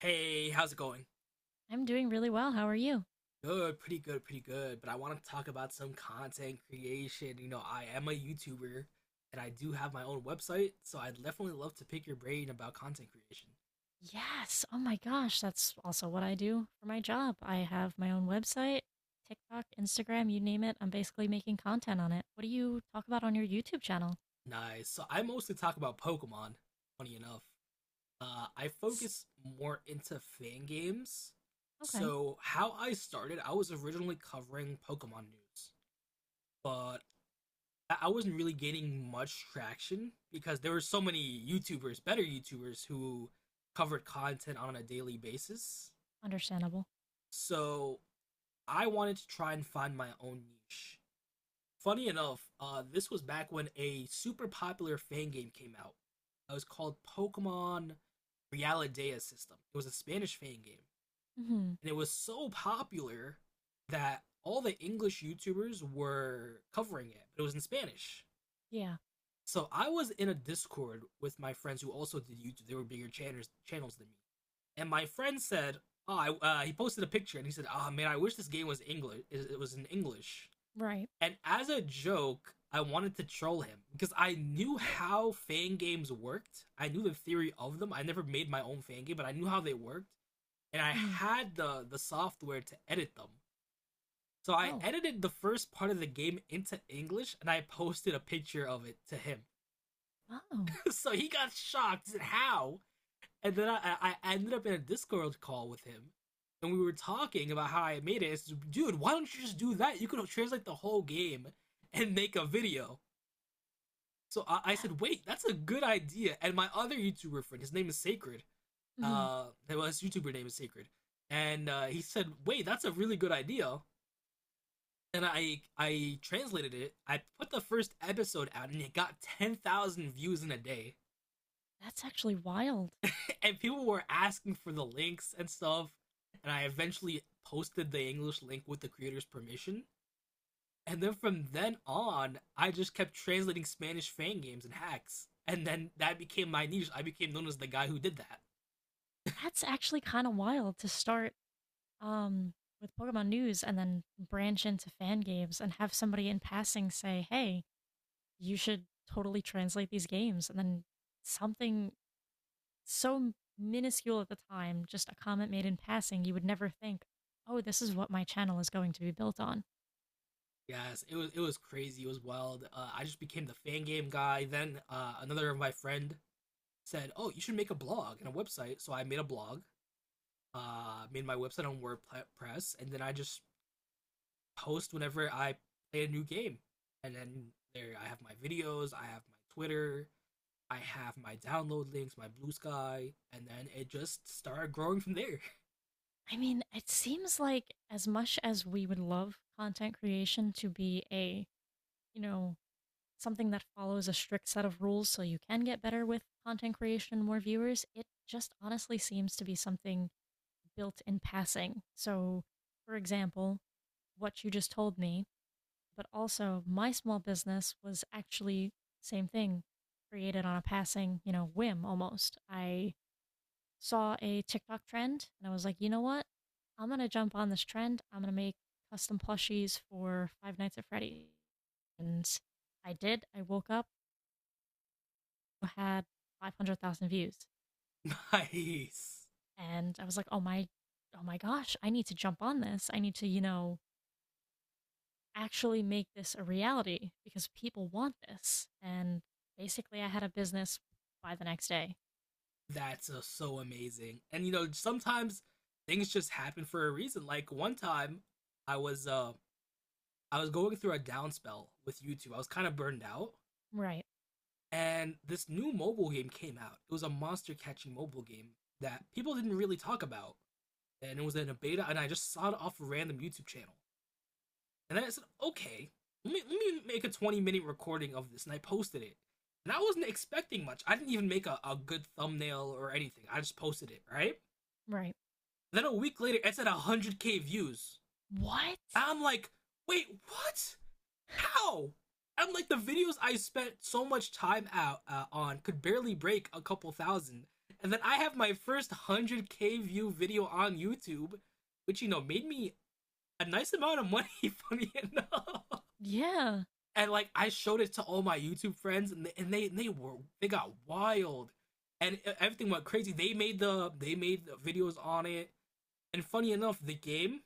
Hey, how's it going? I'm doing really well. How are you? Good, pretty good, pretty good. But I want to talk about some content creation. You know, I am a YouTuber and I do have my own website, so I'd definitely love to pick your brain about content creation. Yes. Oh my gosh. That's also what I do for my job. I have my own website, TikTok, Instagram, you name it. I'm basically making content on it. What do you talk about on your YouTube channel? Nice. So I mostly talk about Pokemon, funny enough. I That's- focus more into fan games. okay. So how I started, I was originally covering Pokemon news, but I wasn't really getting much traction because there were so many YouTubers, better YouTubers, who covered content on a daily basis. Understandable. So I wanted to try and find my own niche. Funny enough, this was back when a super popular fan game came out. It was called Pokemon Realidea System. It was a Spanish fan game, Hmm. and it was so popular that all the English YouTubers were covering it, but it was in Spanish. Yeah. So I was in a Discord with my friends who also did YouTube. They were bigger channels than me. And my friend said, "Oh, I, he posted a picture and he said, "Oh man, I wish this game was English. It was in English." Right. And as a joke, I wanted to troll him because I knew how fan games worked. I knew the theory of them. I never made my own fan game, but I knew how they worked, and I Hmm. had the software to edit them. So I Oh. edited the first part of the game into English and I posted a picture of it to him. Oh. So he got shocked. He said, How? And then I ended up in a Discord call with him, and we were talking about how I made it. I said, Dude, why don't you just do that? You could translate the whole game and make a video. So I That, said, Wait, that's a good idea. And my other YouTuber friend, his name is Sacred. hmm. Well, his YouTuber name is Sacred, and he said, Wait, that's a really good idea. And I translated it. I put the first episode out, and it got 10,000 views in a day That's actually wild. and people were asking for the links and stuff. And I eventually posted the English link with the creator's permission. And then from then on, I just kept translating Spanish fan games and hacks. And then that became my niche. I became known as the guy who did that. That's actually kind of wild to start um with Pokemon news and then branch into fan games and have somebody in passing say, hey, you should totally translate these games. And then something so minuscule at the time, just a comment made in passing, you would never think, oh, this is what my channel is going to be built on. Yes, it was crazy. It was wild. I just became the fan game guy. Then another of my friend said, "Oh, you should make a blog and a website." So I made a blog. Made my website on WordPress, and then I just post whenever I play a new game. And then there I have my videos, I have my Twitter, I have my download links, my Blue Sky, and then it just started growing from there. I mean, it seems like as much as we would love content creation to be a, you know, something that follows a strict set of rules so you can get better with content creation and more viewers, it just honestly seems to be something built in passing. So, for example, what you just told me, but also my small business was actually same thing, created on a passing, whim almost. I saw a TikTok trend and I was like, you know what? I'm gonna jump on this trend. I'm gonna make custom plushies for Five Nights at Freddy's. And I did. I woke up, had 500,000 views. Nice. And I was like, oh my, oh my gosh, I need to jump on this. I need to, actually make this a reality because people want this. And basically, I had a business by the next day. That's so amazing. And you know, sometimes things just happen for a reason. Like one time I was uh I was going through a down spell with YouTube. I was kind of burned out Right. and this new mobile game came out. It was a monster catching mobile game that people didn't really talk about. And it was in a beta, and I just saw it off a random YouTube channel. And then I said, okay, let me make a 20-minute recording of this, and I posted it. And I wasn't expecting much. I didn't even make a good thumbnail or anything. I just posted it, right? Right. Then a week later, it's at 100k views. What? And I'm like, wait, what? How? I'm like, the videos I spent so much time out on could barely break a couple thousand. And then I have my first 100k view video on YouTube, which, you know, made me a nice amount of money, funny enough. Yeah. And like I showed it to all my YouTube friends, and they got wild, and everything went crazy. They made the videos on it, and funny enough, the game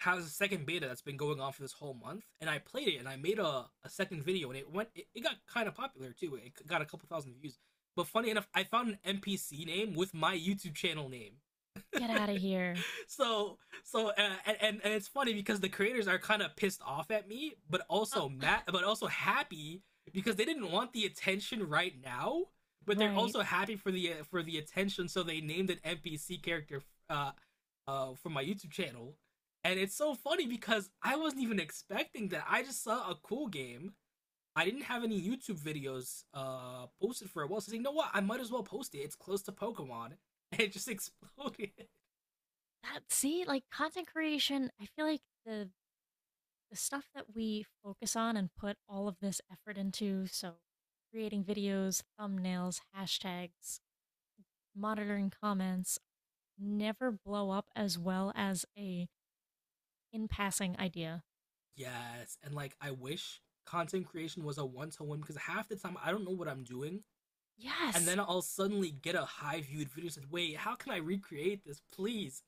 has a second beta that's been going on for this whole month, and I played it, and I made a second video, and it went it got kind of popular too. It got a couple thousand views. But funny enough, I found an NPC name with my YouTube channel name. Get out of here. So so and it's funny because the creators are kind of pissed off at me but Uh, also mad but also happy because they didn't want the attention right now, but they're Right. also happy for the attention, so they named an NPC character uh for my YouTube channel. And it's so funny because I wasn't even expecting that. I just saw a cool game. I didn't have any YouTube videos posted for a while, so I said, you know what, I might as well post it. It's close to Pokemon. And it just exploded. That see, like content creation, I feel like the stuff that we focus on and put all of this effort into, so creating videos, thumbnails, hashtags, monitoring comments, never blow up as well as a in passing idea. Yes. And like I wish content creation was a one to one because half the time I don't know what I'm doing. And Yes. then I'll suddenly get a high viewed video and said, wait, how can I recreate this, please?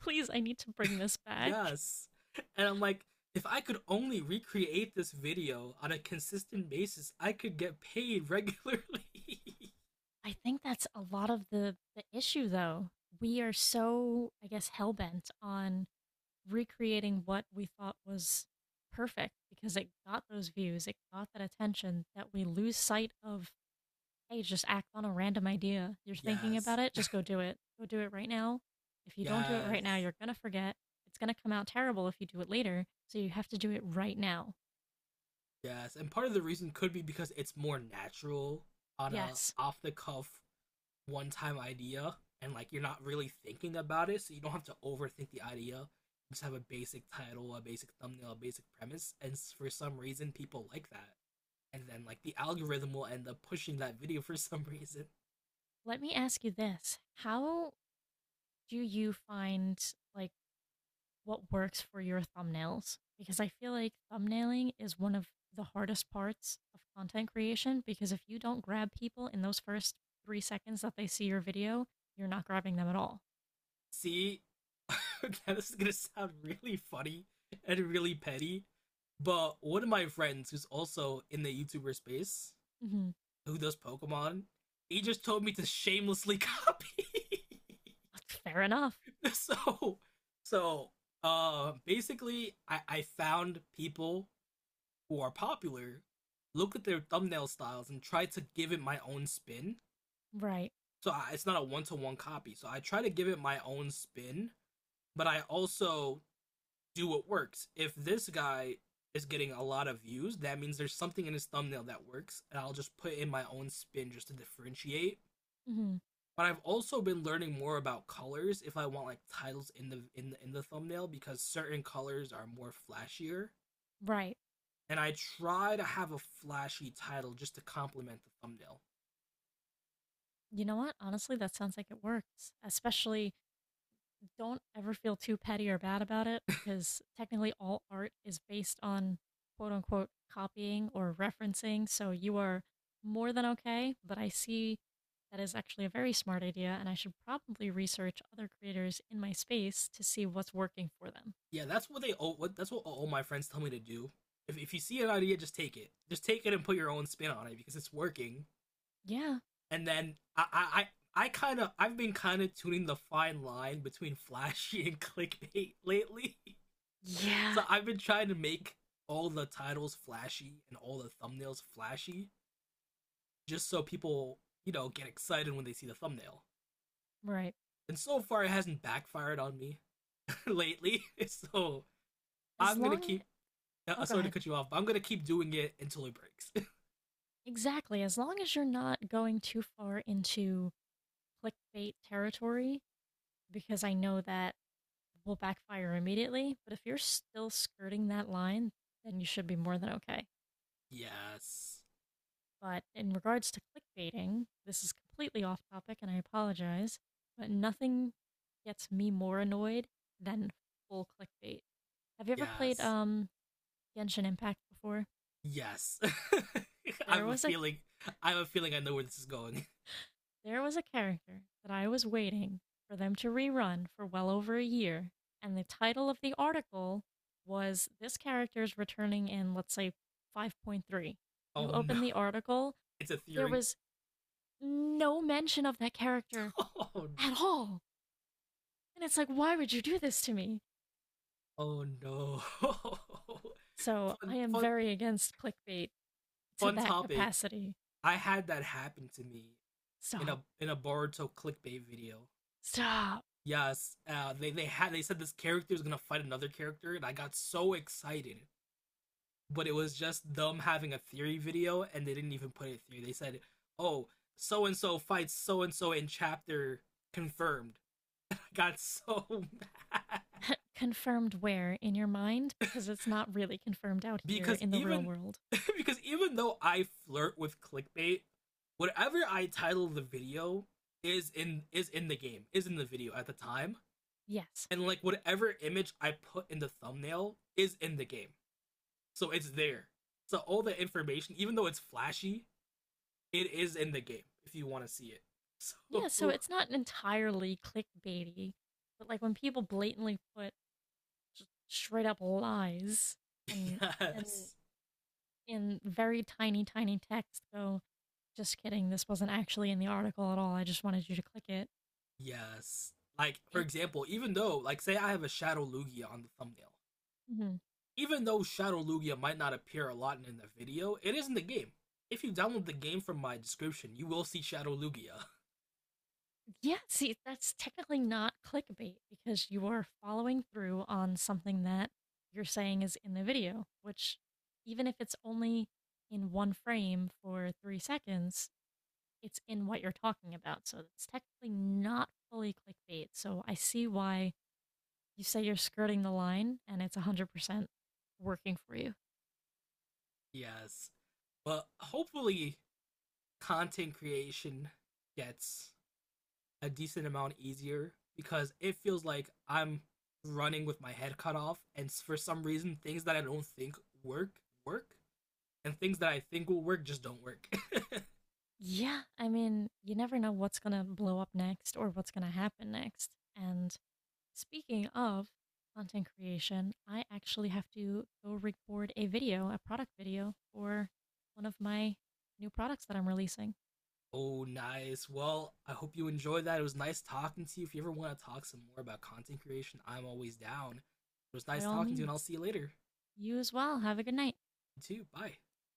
Please, I need to bring this back. Yes. And I'm like, if I could only recreate this video on a consistent basis, I could get paid regularly. I think that's a lot of the issue, though. We are so, I guess, hell bent on recreating what we thought was perfect because it got those views, it got that attention that we lose sight of, hey, just act on a random idea. You're thinking Yes. about it, just go do it. Go do it right now. If you don't do it right now, Yes. you're going to forget. It's going to come out terrible if you do it later. So you have to do it right now. Yes. And part of the reason could be because it's more natural on a Yes. off the cuff one time idea, and like you're not really thinking about it, so you don't have to overthink the idea. You just have a basic title, a basic thumbnail, a basic premise, and for some reason people like that. And then like the algorithm will end up pushing that video for some reason. Let me ask you this. How do you find, like, what works for your thumbnails? Because I feel like thumbnailing is one of the hardest parts of content creation because if you don't grab people in those first 3 seconds that they see your video, you're not grabbing them at all. See, this is gonna sound really funny and really petty, but one of my friends who's also in the YouTuber space, Hmm. who does Pokemon, he just told me to shamelessly copy. Fair enough. so so basically I found people who are popular, looked at their thumbnail styles and tried to give it my own spin, Right. so I, it's not a one-to-one copy, so I try to give it my own spin, but I also do what works. If this guy is getting a lot of views, that means there's something in his thumbnail that works, and I'll just put in my own spin just to differentiate, Hmm. but I've also been learning more about colors if I want like titles in the thumbnail because certain colors are more flashier, Right. and I try to have a flashy title just to complement the thumbnail. You know what? Honestly, that sounds like it works, especially don't ever feel too petty or bad about it because technically all art is based on quote unquote copying or referencing. So you are more than okay. But I see that is actually a very smart idea, and I should probably research other creators in my space to see what's working for them. Yeah, that's what all my friends tell me to do. If you see an idea, just take it. Just take it and put your own spin on it because it's working. Yeah. And then I've been kind of tuning the fine line between flashy and clickbait lately. So Yeah. I've been trying to make all the titles flashy and all the thumbnails flashy just so people, you know, get excited when they see the thumbnail. Right. And so far it hasn't backfired on me lately. So As I'm going to long, keep oh, go sorry to ahead. cut you off, but I'm going to keep doing it until it breaks. Exactly. As long as you're not going too far into clickbait territory, because I know that will backfire immediately. But if you're still skirting that line, then you should be more than okay. Yes. But in regards to clickbaiting, this is completely off topic and I apologize, but nothing gets me more annoyed than full clickbait. Have you ever played Yes. Genshin Impact before? Yes. I have There a was a- feeling I have a feeling I know where this is going. There was a character that I was waiting for them to rerun for well over a year, and the title of the article was This Character's returning in, let's say, 5.3. You Oh no. open the article, It's a there theory. was no mention of that character Oh no. at all. And it's like, why would you do this to me? Oh no. So fun I am fun very against clickbait to fun that topic. capacity. I had that happen to me in Stop. a Boruto clickbait video. Stop. Yes, they said this character is gonna fight another character, and I got so excited. But it was just them having a theory video, and they didn't even put it through. They said, "Oh, so and so fights so and so in chapter confirmed." I got so mad Confirmed where in your mind? Because it's not really confirmed out here because in the real even world. because even though I flirt with clickbait, whatever I title the video is in the video at the time, Yes. and like whatever image I put in the thumbnail is in the game. So it's there. So all the information, even though it's flashy, it is in the game if you want to see it. Yeah, so So it's not entirely clickbaity, but like when people blatantly put straight up lies and and yes. in very tiny, tiny text go, just kidding, this wasn't actually in the article at all. I just wanted you to click it. Yes. Like, for It example, even though, like, say I have a Shadow Lugia on the thumbnail, mhm. even though Shadow Lugia might not appear a lot in the video, it is in the game. If you download the game from my description, you will see Shadow Lugia. Yeah, see, that's technically not clickbait because you are following through on something that you're saying is in the video, which even if it's only in one frame for 3 seconds, it's in what you're talking about, so it's technically not fully clickbait. So I see why you say you're skirting the line and it's 100% working for you. Yes. But hopefully, content creation gets a decent amount easier because it feels like I'm running with my head cut off, and for some reason, things that I don't think work work, and things that I think will work just don't work. Yeah, I mean, you never know what's going to blow up next or what's going to happen next. And speaking of content creation, I actually have to go record a video, a product video for one of my new products that I'm releasing. Oh, nice. Well, I hope you enjoyed that. It was nice talking to you. If you ever want to talk some more about content creation, I'm always down. It was By nice all talking to you, and I'll means, see you later. you as well. Have a good night. You too. Bye.